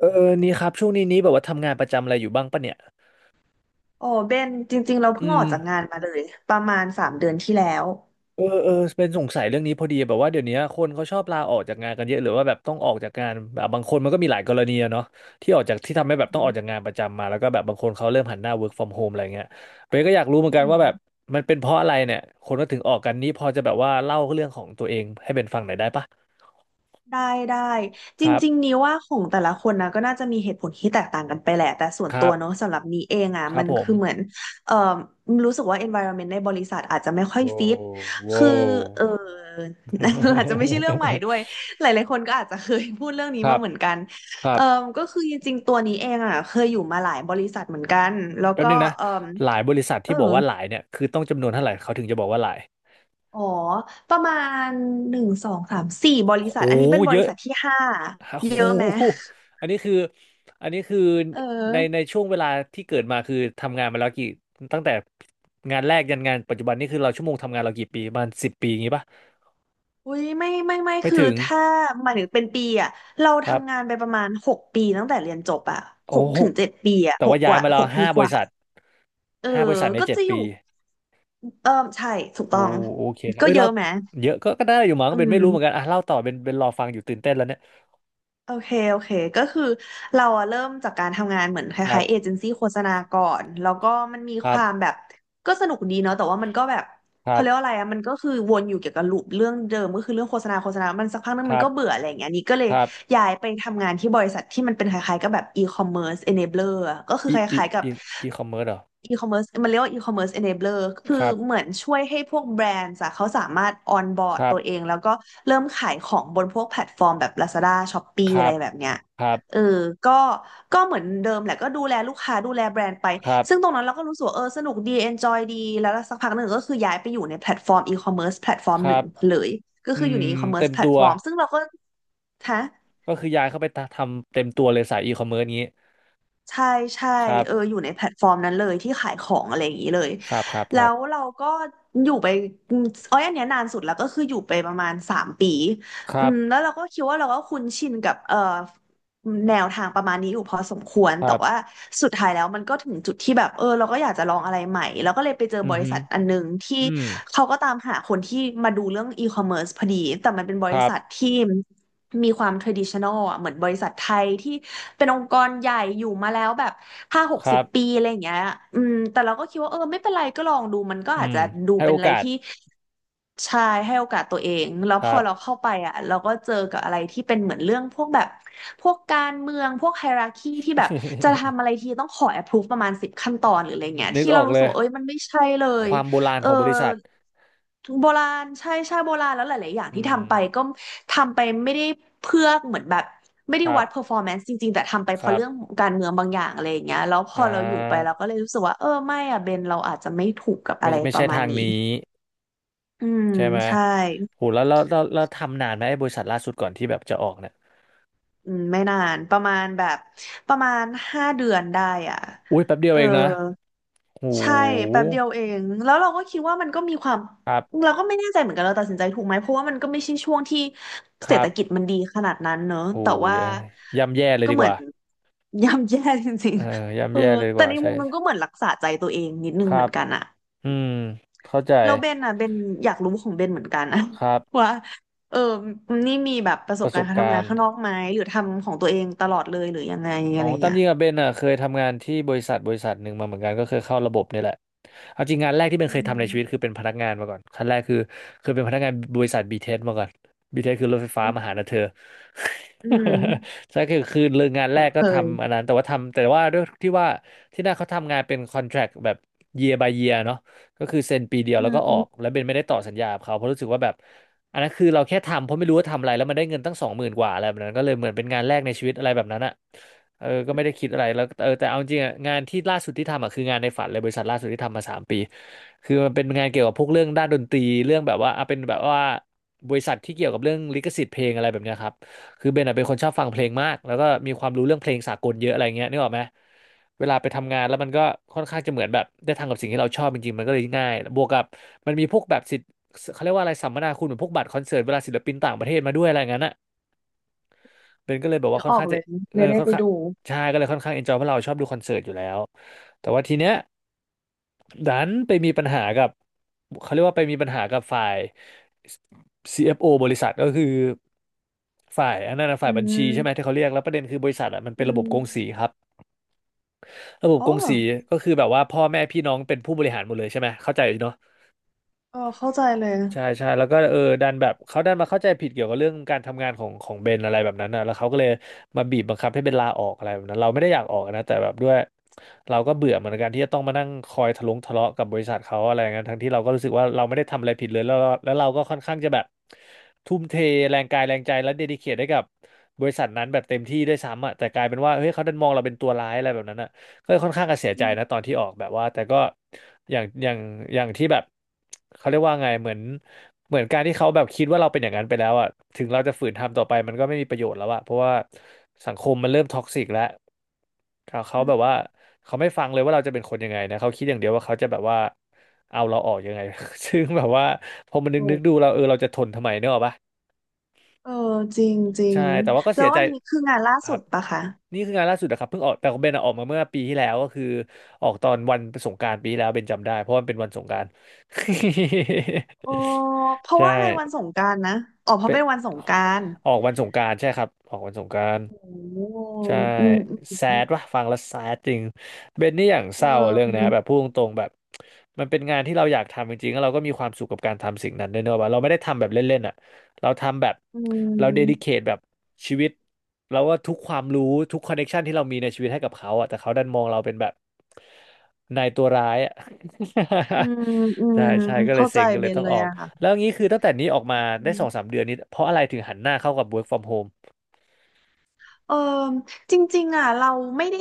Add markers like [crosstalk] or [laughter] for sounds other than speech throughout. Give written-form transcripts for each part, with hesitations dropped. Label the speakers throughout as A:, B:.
A: เออนี่ครับช่วงนี้แบบว่าทำงานประจำอะไรอยู่บ้างปะเนี่ย
B: โอ้เบนจริงๆเรา
A: อื
B: เพิ่งออ
A: ม
B: กจากงานมาเลยประมาณ3 เดือนที่แล้ว
A: เออเออเป็นสงสัยเรื่องนี้พอดีแบบว่าเดี๋ยวนี้คนเขาชอบลาออกจากงานกันเยอะหรือว่าแบบต้องออกจากงานแบบบางคนมันก็มีหลายกรณีอะเนาะที่ออกจากที่ทำให้แบ
B: อื
A: บต้องออกจาก
B: ม
A: งานประจำมาแล้วก็แบบบางคนเขาเริ่มหันหน้า work from home อะไรเงี้ยเบนก็อยากรู้เหมือ
B: อื
A: นกัน
B: ม
A: ว่าแบบมันเป็นเพราะอะไรเนี่ยคนก็ถึงออกกันนี่พอจะแบบว่าเล่าเรื่องของตัวเองให้เป็นฟังหน่อยได้ปะ
B: ได้ได้จ
A: ครั
B: ริงๆ
A: บ
B: นี้ว่าของแต่ละคนนะก็น่าจะมีเหตุผลที่แตกต่างกันไปแหละแต่ส่ว
A: ค
B: นตั
A: รั
B: ว
A: บ
B: เนาะสำหรับนี้เองอ่ะ
A: ครั
B: มั
A: บ
B: น
A: ผม
B: คือเหมือนเอ่อรู้สึกว่า environment ในบริษัทอาจจะไม่ค่อย
A: โอ้
B: ฟิต
A: โว้
B: คือ
A: ว
B: เออ [laughs] อาจจะไม่ใช่เรื่องใหม่ด้วยหลายๆคนก็อาจจะเคยพูดเรื่อง
A: [laughs]
B: นี้
A: ครั
B: มา
A: บ
B: เหมือนกัน
A: ครั
B: เอ่
A: บ
B: อก็คือจริงๆตัวนี้เองอ่ะเคยอยู่มาหลายบริษัทเหมือนกันแล้ว
A: แป๊บ
B: ก็
A: นึงนะ
B: เอ่อ
A: หลายบริษัท
B: เอ
A: ที่บอก
B: อ
A: ว่าหลายเนี่ยคือต้องจำนวนเท่าไหร่เขาถึงจะบอกว่าหลาย
B: อ๋อประมาณหนึ่งสองสามสี่บริ
A: โห
B: ษัทอันนี้เป็นบ
A: เย
B: ริ
A: อะ
B: ษัทที่ห้า
A: ฮะ
B: เย
A: โห
B: อะไหม
A: อันนี้คืออันนี้คือ
B: เออ
A: ในช่วงเวลาที่เกิดมาคือทำงานมาแล้วตั้งแต่งานแรกยันงานปัจจุบันนี่คือเราชั่วโมงทำงานเรากี่ปีประมาณ10 ปีอย่างงี้ป่ะ
B: อุ้ยไม่
A: ไม่
B: คือ
A: ถึง
B: ถ้าหมายถึงเป็นปีอะเรา
A: ครับ
B: ทำงานไปประมาณหกปีตั้งแต่เรียนจบอะห
A: โอ้
B: ก
A: โห
B: ถึงเจ็ดปีอะ
A: แต่
B: หก
A: ว่า
B: ก
A: ย้าย
B: ว่า
A: มาแล้
B: ห
A: ว
B: กปี
A: ห้า
B: ก
A: บริ
B: ว่า
A: ษัท
B: เออ
A: ห้าบริษัทใน
B: ก็
A: เจ็ด
B: จะอยู่
A: ปี
B: เออใช่ถูก
A: โอ้
B: ต้อง
A: โอเคครับ
B: ก็
A: เอ้ย
B: เย
A: เรา
B: อะไหม
A: เยอะก็ได้อยู่มั้ง
B: อื
A: เป็นไม่รู้เหมือน
B: ม
A: กันอ่ะเล่าต่อเป็นรอฟังอยู่ตื่นเต้นแล้วเนี่ย
B: โอเคโอเคก็คือเราอะเริ่มจากการทำงานเหมือนค
A: ครั
B: ล้า
A: บ
B: ยๆเอเจนซี่โฆษณาก่อนแล้วก็มันมี
A: ค
B: ค
A: รั
B: วามแบ
A: บ
B: บก็สนุกดีเนาะแต่ว่ามันก็แบบ
A: ครั
B: เขาเรียกว่า
A: บ
B: อะไรอะมันก็คือวนอยู่เกี่ยวกับลูปเรื่องเดิมก็คือเรื่องโฆษณามันสักพักนึง
A: ค
B: มั
A: รั
B: นก็เบื่
A: บ
B: ออะไรอย่างเงี้ยนี่ก็เลย
A: ครับ
B: ย้ายไปทำงานที่บริษัทที่มันเป็นคล้ายๆกับแบบอีคอมเมิร์ซเอเนเบลอร์ก็คือ
A: อี
B: ค
A: อี
B: ล้ายๆกับ
A: อีอีคอมเมิร์ซเหรอ
B: อีคอมเมิร์ซมันเรียกว่าอีคอมเมิร์ซเอเ e เบลอร์คือ
A: ครับ
B: เหมือนช่วยให้พวกแบรนด์อะเขาสามารถออนบอร์
A: ค
B: ด
A: รับ
B: ตัวเองแล้วก็เริ่มขายของบนพวกแพลตฟอร์มแบบ Lazada
A: ค
B: Shopee อะ
A: รั
B: ไร
A: บ
B: แบบเนี้ย
A: ครับ
B: เออก็ก็เหมือนเดิมแหละก็ดูแลลูกค้าดูแลแบรนด์ไป
A: ครับ
B: ซึ่งตรงนั้นเราก็รู้สึกว่าเออสนุกดี enjoy ดีแล้วสักพักหนึ่งก็คือย้ายไปอยู่ในแพลตฟอร์มอีคอมเมิร์แพลตฟอร์ม
A: ค
B: หนึ่
A: รั
B: ง
A: บ
B: เลยก็
A: อื
B: คืออยู่ในอี
A: ม
B: คอมเมิร์
A: เต็ม
B: แพลต
A: ตัว
B: ฟอร์มซึ่งเราก็ฮะ
A: ก็คือย้ายเข้าไปทำเต็มตัวเลยสายอีคอมเมิร์ซงี้
B: ใช่ใช่
A: ครั
B: เออ
A: บ
B: อยู่ในแพลตฟอร์มนั้นเลยที่ขายของอะไรอย่างนี้เลย
A: ครับครับค
B: แล้
A: รับ
B: วเราก็อยู่ไปอมอ้อยอันเนี้ยนานสุดแล้วก็คืออยู่ไปประมาณ3 ปี
A: ครับ
B: แล้วเราก็คิดว่าเราก็คุ้นชินกับแนวทางประมาณนี้อยู่พอสมควร
A: ค
B: แต่
A: รั
B: ว่า
A: บ
B: สุดท้ายแล้วมันก็ถึงจุดที่แบบเออเราก็อยากจะลองอะไรใหม่แล้วก็เลยไปเจอ
A: อื
B: บ
A: อ
B: ริ
A: ฮึ
B: ษัทอันหนึงที่
A: อืม
B: เขาก็ตามหาคนที่มาดูเรื่องอีคอมเมิร์ซพอดีแต่มันเป็นบ
A: ค
B: ริ
A: รั
B: ษัท
A: บ
B: ที่ มีความ traditional อ่ะเหมือนบริษัทไทยที่เป็นองค์กรใหญ่อยู่มาแล้วแบบห้าหก
A: ค
B: สิ
A: รั
B: บ
A: บ
B: ปีอะไรอย่างเงี้ยแต่เราก็คิดว่าเออไม่เป็นไรก็ลองดูมันก็
A: อื
B: อาจจะ
A: ม
B: ดู
A: ให้
B: เป็
A: โอ
B: นอะไร
A: กาส
B: ที่ชายให้โอกาสตัวเองแล้ว
A: ค
B: พ
A: รั
B: อ
A: บ
B: เราเข้าไปอ่ะเราก็เจอกับอะไรที่เป็นเหมือนเรื่องพวกแบบพวกการเมืองพวกไฮราคีที่แบบจะทำ
A: [laughs]
B: อะไรทีต้องขอ approve ประมาณ10 ขั้นตอนหรืออะไรเงี้ย
A: นึก
B: ที่
A: อ
B: เรา
A: อก
B: รู้
A: เล
B: สึก
A: ย
B: ว่าเอ้ยมันไม่ใช่เล
A: ค
B: ย
A: วามโบราณ
B: เอ
A: ข
B: อ
A: องบริษัท
B: โบราณใช่โบราณแล้วหลายๆอย่าง
A: อื
B: ที่ทำไป
A: ม
B: ก็ทำไปไม่ได้เพื่อเหมือนแบบไม่ได้
A: ครับ
B: วัด performance จริงๆแต่ทำไป
A: ค
B: เพราะ
A: รั
B: เรื่อง
A: บ
B: ของการเมืองบางอย่างอะไรอย่างเงี้ยแล้วพ
A: อ่
B: อเราอยู่ไป
A: า
B: เราก็เลยรู้สึกว่าเออไม่อะเบนเราอาจจะไม่ถูกกับ
A: ไม่
B: อะไร
A: ไม่
B: ป
A: ใช่
B: ระมาณ
A: ทาง
B: นี้
A: นี้
B: อืม
A: ใช่ไหม
B: ใช่
A: โหแล้วทำนานไหมไอ้บริษัทล่าสุดก่อนที่แบบจะออกเนี่ย
B: ไม่นานประมาณ5 เดือนได้อ่ะ
A: อุ้ยแป๊บเดีย
B: เอ
A: ว
B: อ
A: เองนะโห
B: ใช่แป๊บเดียวเองแล้วเราก็คิดว่ามันก็มีความ
A: ครับ
B: เราก็ไม่แน่ใจเหมือนกันเราตัดสินใจถูกไหมเพราะว่ามันก็ไม่ใช่ช่วงที่
A: ค
B: เศรษ
A: รั
B: ฐกิจ
A: บ
B: มันดีขนาดนั้นเนอะ
A: โห
B: แต่ว่า
A: ยย่ำแย่เลย
B: ก็
A: ดี
B: เห
A: ก
B: มือน
A: ว่า
B: [laughs] ย่ำแย่จริง
A: เออ
B: ๆ
A: ย่ำแย่เลยดีก
B: แต่
A: ว่า
B: ใน
A: ใช่
B: มุมนึงก็เหมือนรักษาใจตัวเองนิดนึ
A: ค
B: งเห
A: รั
B: มือ
A: บ
B: นกันอะ
A: อืม เข้าใจ
B: แล้วเบนอ่ะเบนอยากรู้ของเบนเหมือนกันอะ
A: ครับ
B: [laughs] ว่าเออนี่มีแบบประส
A: ป
B: บ
A: ระส
B: การ
A: บ
B: ณ์การทำ
A: กา
B: งา
A: ร
B: น
A: ณ์
B: ข้างนอกไหมหรือทำของตัวเองตลอดเลยหรือยังไง
A: อ๋
B: อะ
A: อ
B: ไร
A: ตาม
B: เงี้ย
A: จริงอะเบนอะเคยทำงานที่บริษัทบริษัทหนึ่งมาเหมือนกันก็เคยเข้าระบบเนี่ยแหละเอาจริงงานแรกที่เบน
B: อื
A: เคยทำในชีวิตคื
B: ม
A: อเป็นพนักงานมาก่อนขั้นแรกคือเคยเป็นพนักงานบริษัทบีเทสมาก่อนบีเทสคือรถไฟฟ้า
B: อืม
A: มาหานะเธอ
B: อืม
A: [laughs] ใช่คือเรื่องงานแร
B: คุ้น
A: กก็
B: เคย
A: ทำอันนั้นแต่ว่าด้วยที่ว่าที่นั่นเขาทำงานเป็นคอนแทรคแบบ year by year เนาะก็คือเซ็นปีเดียว
B: อื
A: แล้วก็ออก
B: ม
A: แล้วเบนไม่ได้ต่อสัญญากับเขาเพราะรู้สึกว่าแบบอันนั้นคือเราแค่ทำเพราะไม่รู้ว่าทำอะไรแล้วมันได้เงินตั้ง20,000กว่าอะไรแบบนั้นก็เลยเหมือนเป็นงานแรกในชีวิตอะไรแบบนั้นอะ เออก็ไม่ได้คิดอะไรแล้วแต่เอาจริงอะงานที่ล่าสุดที่ทำอ่ะคืองานในฝันเลยบริษัทล่าสุดที่ทำมา3 ปีคือมันเป็นงานเกี่ยวกับพวกเรื่องด้านดนตรีเรื่องแบบว่าอ่ะเป็นแบบว่าบริษัทที่เกี่ยวกับเรื่องลิขสิทธิ์เพลงอะไรแบบเนี้ยครับคือเบนอะเป็นคนชอบฟังเพลงมากแล้วก็มีความรู้เรื่องเพลงสากลเยอะอะไรเงี้ยนึกออกไหมเวลาไปทำงานแล้วมันก็ค่อนข้างจะเหมือนแบบได้ทำกับสิ่งที่เราชอบจริงๆมันก็เลยง่ายบวกกับมันมีพวกแบบสิทธิ์เขาเรียกว่าอะไรสัมมนาคุณเหมือนพวกบัตรคอนเสิร์ตเวลาศิลปินต่างประเทศมาด้วยอะไรอย่างนั้นอะ เบนก็เลยแบบ
B: นึ
A: ว่า
B: ก
A: ค่อ
B: อ
A: น
B: อ
A: ข้า
B: ก
A: ง
B: เล
A: จะ
B: ยเลยได้
A: ค่อน
B: ไป
A: ข้าง
B: ดู
A: ใช่ก็เลยค่อนข้างเอนจอยเพราะเราชอบดูคอนเสิร์ตอยู่แล้ว แต่ว่าทีเนี้ยดันไปมีปัญหากับเขาเรียกว่าไปมีปัญหากับฝ่าย CFO บริษัทก็คือฝ่ายอันนั้นนะ
B: อื
A: ฝ่ายบัญชีใช่ไหม
B: ม
A: ที่เขาเรียกแล้วประเด็นคือบริษัทอ่ะมันเป็
B: อื
A: นระบบ
B: ม
A: กงสีครับระบบ
B: อ๋อ
A: กงสีก็คือแบบว่าพ่อแม่พี่น้องเป็นผู้บริหารหมดเลยใช่ไหมเข้าใจเนาะ
B: เออเข้าใจเลย
A: ใช่ใช่แล้วก็ดันแบบเขาดันมาเข้าใจผิดเกี่ยวกับเรื่องการทำงานของเบนอะไรแบบนั้นนะแล้วเขาก็เลยมาบีบบังคับให้เบนลาออกอะไรแบบนั้นเราไม่ได้อยากออกนะแต่แบบด้วยเราก็เบื่อเหมือนกันที่จะต้องมานั่งคอยทะเลาะกับบริษัทเขาอะไรอย่างนั้นทั้งที่เราก็รู้สึกว่าเราไม่ได้ทำอะไรผิดเลยแล้วเราก็ค่อนข้างจะแบบทุ่มเทแรงกายแรงใจและเดดิเคทให้กับบริษัทนั้นแบบเต็มที่ด้วยซ้ำอ่ะแต่กลายเป็นว่าเฮ้ยเขาดันมองเราเป็นตัวร้ายอะไรแบบนั้นอะ ก็ค่อนข้างจะเสีย
B: อื
A: ใจนะ
B: ม
A: ตอนที่ออกแบบว่าแต่ก็อย่างอย่างอย่างที่แบบเขาเรียกว่าไงเหมือนเหมือนการที่เขาแบบคิดว่าเราเป็นอย่างนั้นไปแล้วอ่ะถึงเราจะฝืนทำต่อไปมันก็ไม่มีประโยชน์แล้วอ่ะเพราะว่าสังคมมันเริ่มท็อกซิกแล้วเขา
B: อื
A: แบบ
B: ม
A: ว่าเขาไม่ฟังเลยว่าเราจะเป็นคนยังไงนะเขาคิดอย่างเดียวว่าเขาจะแบบว่าเอาเราออกยังไง [laughs] ซึ่งแบบว่าพอมันนึ
B: โอ
A: กนึกดู
B: ้
A: เราเออเราจะทนทำไมเนกอะปะ
B: เออจริงจริ
A: ใช่
B: ง
A: แต่ว่าก็
B: แล้
A: เสีย
B: ว
A: ใจ
B: อันนี้คืองานล่า
A: ค
B: สุ
A: รั
B: ด
A: บ
B: ปะคะ
A: นี่คืองานล่าสุดนะครับเพิ่งออกแต่ของเบนอะออกมาเมื่อปีที่แล้วก็คือออกตอนวันสงกรานต์ปีที่แล้วเบนจำได้เพราะมันเป็นวันสงกรานต์
B: ออ
A: [laughs]
B: เพราะ
A: ใช่
B: ว่าอะไรวันสงกรานต์นะอ๋อเพราะ
A: เป็น
B: เป็นวันสงกรานต์
A: ออกวันสงกรานต์ใช่ครับออกวันสงกรานต์
B: โอ้
A: ใช่
B: อืมอื
A: แซ
B: ม
A: ดว่ะฟังแล้วแซดจริงเบนนี่อย่าง
B: เ
A: เศร้าเรื่องเนะ
B: ออ
A: แบบพูดตรงๆแบบมันเป็นงานที่เราอยากทำจริงๆแล้วเราก็มีความสุขกับการทำสิ่งนั้นด้วยเนอะว่าเราไม่ได้ทำแบบเล่นๆอ่ะเราทำแบบ
B: อื
A: เราเดดิเค
B: ม
A: ทแบบชีวิตเราว่าทุกความรู้ทุกคอนเน t ชันที่เรามีในชีวิตให้กับเขาอ่ะแต่เขาดันมองเราเป็นแบบนายตัวร้ายอ่ะ
B: อืมอื
A: [laughs] ใช่
B: ม
A: ใช่ก็เลย
B: เข้าใจ
A: เซ็งก็เล
B: เบ
A: ย
B: น
A: ต้อง
B: เล
A: อ
B: ย
A: อก
B: อะ
A: แล้ว
B: ค่ะ
A: งี้คือตั้งแต่นี้ออกมาได้สองสามเดือนนี้เพราะอะไรถึงหันหน้าเข้ากับ work from home
B: เออจริงๆอ่ะเราไม่ได้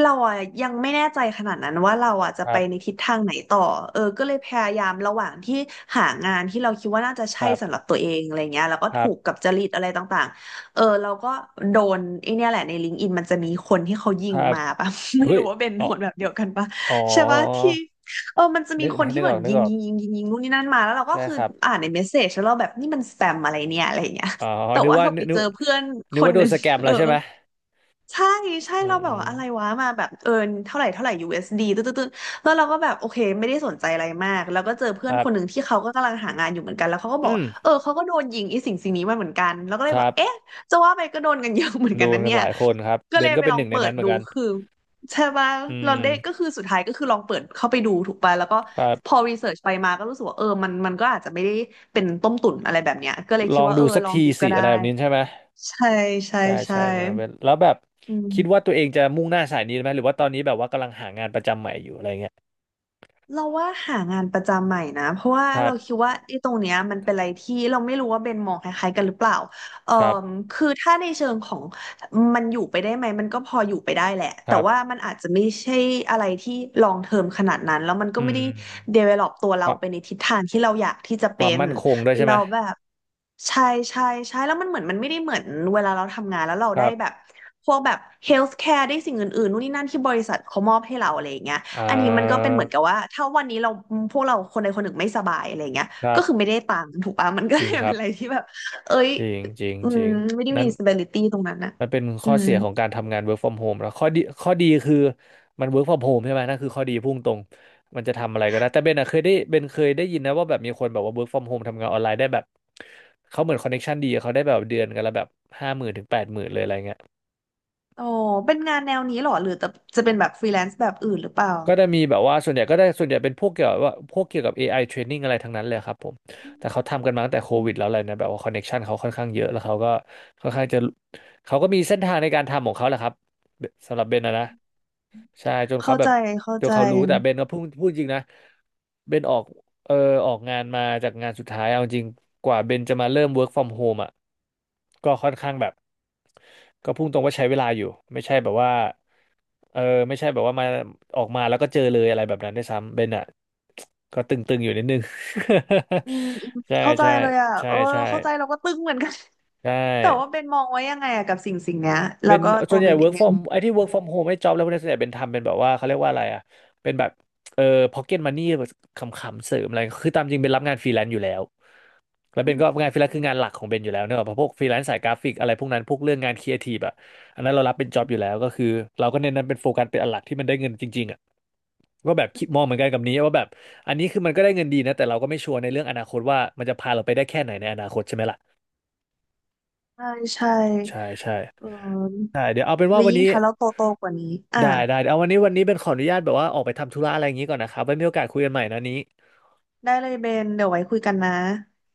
B: เราอ่ะยังไม่แน่ใจขนาดนั้นว่าเราอ่ะจะ
A: ค
B: ไป
A: รั
B: ใน
A: บ
B: ทิศทางไหนต่อก็เลยพยายามระหว่างที่หางานที่เราคิดว่าน่าจะ
A: ค
B: ใช่
A: รั
B: สำหรั
A: บ
B: บตัวเองอะไรเงี้ยแล้วก็
A: ครั
B: ถู
A: บ
B: กกับจริตอะไรต่างๆเราก็โดนไอเนี่ยแหละในลิงก์อินมันจะมีคนที่เขายิ
A: ค
B: ง
A: รับ
B: มาปะ [laughs] ไม่
A: เฮ้ย
B: รู้ว่าเป็น
A: อ๋
B: โด
A: อ
B: นแบบเดียวกันปะ
A: อ๋อ
B: ใช่ปะที่มันจะมี
A: นึก
B: คนที่
A: นึก
B: เหมื
A: อ
B: อ
A: อ
B: น
A: กนึ
B: ยิ
A: ก
B: ง
A: ออก
B: ยิงยิงยิงยิงนู่นนี่นั่นมาแล้วเราก็
A: ใช่
B: คือ
A: ครับ
B: อ่านในเมสเซจแล้วเราแบบนี่มันสแปมอะไรเนี่ยอะไรเงี้ย
A: อ๋อ
B: แต่
A: นึก
B: ว่า
A: ว่า
B: เรา
A: นึ
B: ไป
A: กนึ
B: เจ
A: ก
B: อเพื่อน
A: นึ
B: ค
A: ก
B: น
A: ว่าโด
B: หนึ่
A: น
B: ง
A: สแกม
B: [laughs] เอ
A: แล้
B: อ
A: วใช่ไหม
B: ใช่ใช่
A: อื
B: เราแบบว่าอะไร
A: ม
B: วะมาแบบเอินเท่าไหร่เท่าไหร่ USD ตึ๊ดตึ๊ดตึ๊ดแล้วเราก็แบบโอเคไม่ได้สนใจอะไรมากแล้วก็เจอเพื่
A: ค
B: อน
A: รั
B: ค
A: บ
B: นหนึ่งที่เขาก็กำลังหางานอยู่เหมือนกันแล้วเขาก็บอก
A: อืม
B: ว่าเขาก็โดนยิงไอ้สิ่งนี้มาเหมือนกันแล้วก็
A: ค
B: เลยบ
A: รั
B: อกเอ๊ะ
A: บ
B: จะว่าไปก็โดนกันเยอะเหมือน
A: โด
B: กัน
A: น
B: นั้น
A: กัน
B: เนี่
A: ห
B: ย
A: ลายคนครับ
B: ก็
A: เบ
B: เล
A: น
B: ย
A: ก็
B: ไป
A: เป็น
B: ล
A: ห
B: อง
A: นึ่งใน
B: เปิ
A: นั้
B: ด
A: นเหมือ
B: ดู
A: นกัน
B: คือใช่ปะ
A: อื
B: เรา
A: ม
B: ได้ก็คือสุดท้ายก็คือลองเปิดเข้าไปดูถูกป่ะแล้วก็
A: ครั
B: พอ
A: บ
B: รีเสิร์ชไปมาก็รู้สึกว่ามันก็อาจจะไม่ได้เป็นต้มตุ๋นอะไรแบบเนี้ยก็เลย
A: ล
B: คิด
A: อง
B: ว่า
A: ดูสัก
B: ลอง
A: ที
B: ดูก็
A: สิอะ
B: ได้
A: ไรแบบนี้ใช่ไหม
B: ใช่ใช่
A: ใช่
B: ใช่
A: ใช่มาเบนแล้วแบบ
B: อื
A: คิดว่า
B: ม
A: ตัวเองจะมุ่งหน้าสายนี้ไหมหรือว่าตอนนี้แบบว่ากำลังหางานประจำใหม่อยู่อะไรเงี้ย
B: เราว่าหางานประจำใหม่นะเพราะว่า
A: ครั
B: เรา
A: บ
B: คิดว่าไอ้ตรงเนี้ยมันเป็นอะไรที่เราไม่รู้ว่าเบนมองคล้ายๆกันหรือเปล่าเอ่อ
A: ครับ
B: คือถ้าในเชิงของมันอยู่ไปได้ไหมมันก็พออยู่ไปได้แหละ
A: ค
B: แต่
A: รั
B: ว่า
A: บ
B: มันอาจจะไม่ใช่อะไรที่ลองเทอมขนาดนั้นแล้วมันก็
A: อื
B: ไม่ได้
A: ม
B: develop ตัวเรา
A: ความ
B: ไปในทิศทางที่เราอยากที่จะ
A: ค
B: เป็
A: วาม
B: น
A: มั่นคงด้วยใช่ไห
B: เรา
A: ม
B: แบบใช่ใช่ใช่แล้วมันเหมือนมันไม่ได้เหมือนเวลาเราทำงานแล้วเรา
A: ค
B: ได้
A: รั
B: แบบ
A: บ
B: พวกแบบ healthcare ได้สิ่งอื่นๆนู่นนี่นั่นที่บริษัทเขามอบให้เราอะไรอย่างเงี้ย
A: อ่
B: อันนี้มันก็เป็
A: า
B: นเหมือนกับว่าถ้าวันนี้เราพวกเราคนใดคนหนึ่งไม่สบายอะไรเงี้ย
A: ครั
B: ก็คือไม่
A: บ
B: ได้ตังค์ถูกปะมันก็
A: จ
B: เล
A: ริง
B: ย
A: ค
B: เป็
A: รั
B: น
A: บ
B: อะไรที่แบบเอ้ย
A: จริงจริง
B: อื
A: จ
B: ม
A: ริง
B: ไม่ได้
A: นั่
B: มี
A: น
B: stability ตรงนั้นนะ
A: มันเป็น
B: อื
A: ข้อ
B: ม
A: เสียของการทำงาน work from home แล้วข้อดีข้อดีคือมัน work from home ใช่ไหมนั่นคือข้อดีพุ่งตรงมันจะทำอะไรก็ได้แต่เบนอะเบนเคยได้ยินนะว่าแบบมีคนแบบว่า work from home ทำงานออนไลน์ได้แบบเขาเหมือนคอนเน t ชันดีเขาได้แบบเดือนกันละแบบ50,000 ถึง 80,000เลยอะไรเงี้ย
B: โอ้เป็นงานแนวนี้เหรอหรือจะเป็นแบบฟรีแลนซ์แบบอื่นหรือเปล่า
A: ก็จะมีแบบว่าส่วนใหญ่ก็ได้ส่วนใหญ่เป็นพวกเกี่ยวกับว่าพวกเกี่ยวกับ AI training อะไรทั้งนั้นเลยครับผม แต่เขาทำกันมาตั้งแต่โค
B: อื
A: วิด
B: ม
A: แล้วอะไรนะแบบว่าคอนเน็กชันเขาค่อนข้างเยอะแล้วเขาก็ค่อนข้างจะเขาก็มีเส้นทางในการทำของเขาแหละครับสำหรับเบนนะ ใช่จนเขา
B: เข้า
A: แบ
B: ใจ
A: บ
B: เข้า
A: จน
B: ใจ
A: เขารู้แต่เบนก็พูดจริงนะเบนออกเออออกงานมาจากงานสุดท้ายเอาจริงกว่าเบนจะมาเริ่ม work from home อ่ะก็ค่อนข้างแบบก็พุ่งตรงว่าใช้เวลาอยู่ไม่ใช่แบบว่าเออไม่ใช่แบบว่ามาออกมาแล้วก็เจอเลยอะไรแบบนั้นด้วยซ้ำเบนอ่ะก็ตึงๆอยู่นิดนึง
B: อืมอืม
A: [laughs] ใช่
B: เข้าใจ
A: ใช่
B: เลยอ่ะ
A: ใช่
B: เออ
A: ใช่
B: เข้าใจเราก็ตึงเหมือนกัน
A: ใช่
B: [laughs] แต่ว่าเบนมองไว้ยังไงอะกับสิ่งเนี้ยแล้
A: เป็
B: ว
A: น
B: ก็
A: ส่
B: ตั
A: ว
B: ว
A: นให
B: เบ
A: ญ่
B: นเอ
A: work
B: ง
A: from ไอ้ที่ work from home ไอ้ job แล้วพวกนี้ส่วนใหญ่เป็นทำเป็นแบบว่าเขาเรียกว่าอะไรอ่ะเป็นแบบเออ pocket money แบบขำๆเสริมอะไรคือตามจริงเป็นรับงานฟรีแลนซ์อยู่แล้วแล้ว
B: อื
A: เป็นก็
B: ม
A: งานฟรีแลนซ์คืองานหลักของเบนอยู่แล้วเนอะเพราะพวกฟรีแลนซ์สายกราฟิกอะไรพวกนั้นพวกเรื่องงานครีเอทีฟอ่ะอันนั้นเรารับเป็นจ็อบอยู่แล้วก็คือเราก็เน้นนั้นเป็นโฟกัสเป็นอันหลักที่มันได้เงินจริงๆอ่ะก็แบบคิดมองเหมือนกันกับนี้ว่าแบบอันนี้คือมันก็ได้เงินดีนะแต่เราก็ไม่ชัวร์ในเรื่องอนาคตว่ามันจะพาเราไปได้แค่ไหนในอนาคตใช่ไหมล่ะ
B: ใช่ใช่
A: ใช่ใช่
B: เออ
A: ใช่เดี๋ยวเอาเป็น
B: แล้
A: ว่า
B: ว
A: วัน
B: ยิ่ง
A: นี้
B: ถ้าเราโตกว่านี้อ่ะ
A: ได้ได้เอาวันนี้เป็นขออนุญาตแบบว่าออกไปทำธุระอะไรอย่างนี้ก่อนนะครับไว้มีโอกาสคุยกันใหม่นะนี้
B: ได้เลยเบนเดี๋ยวไว้คุยกันนะ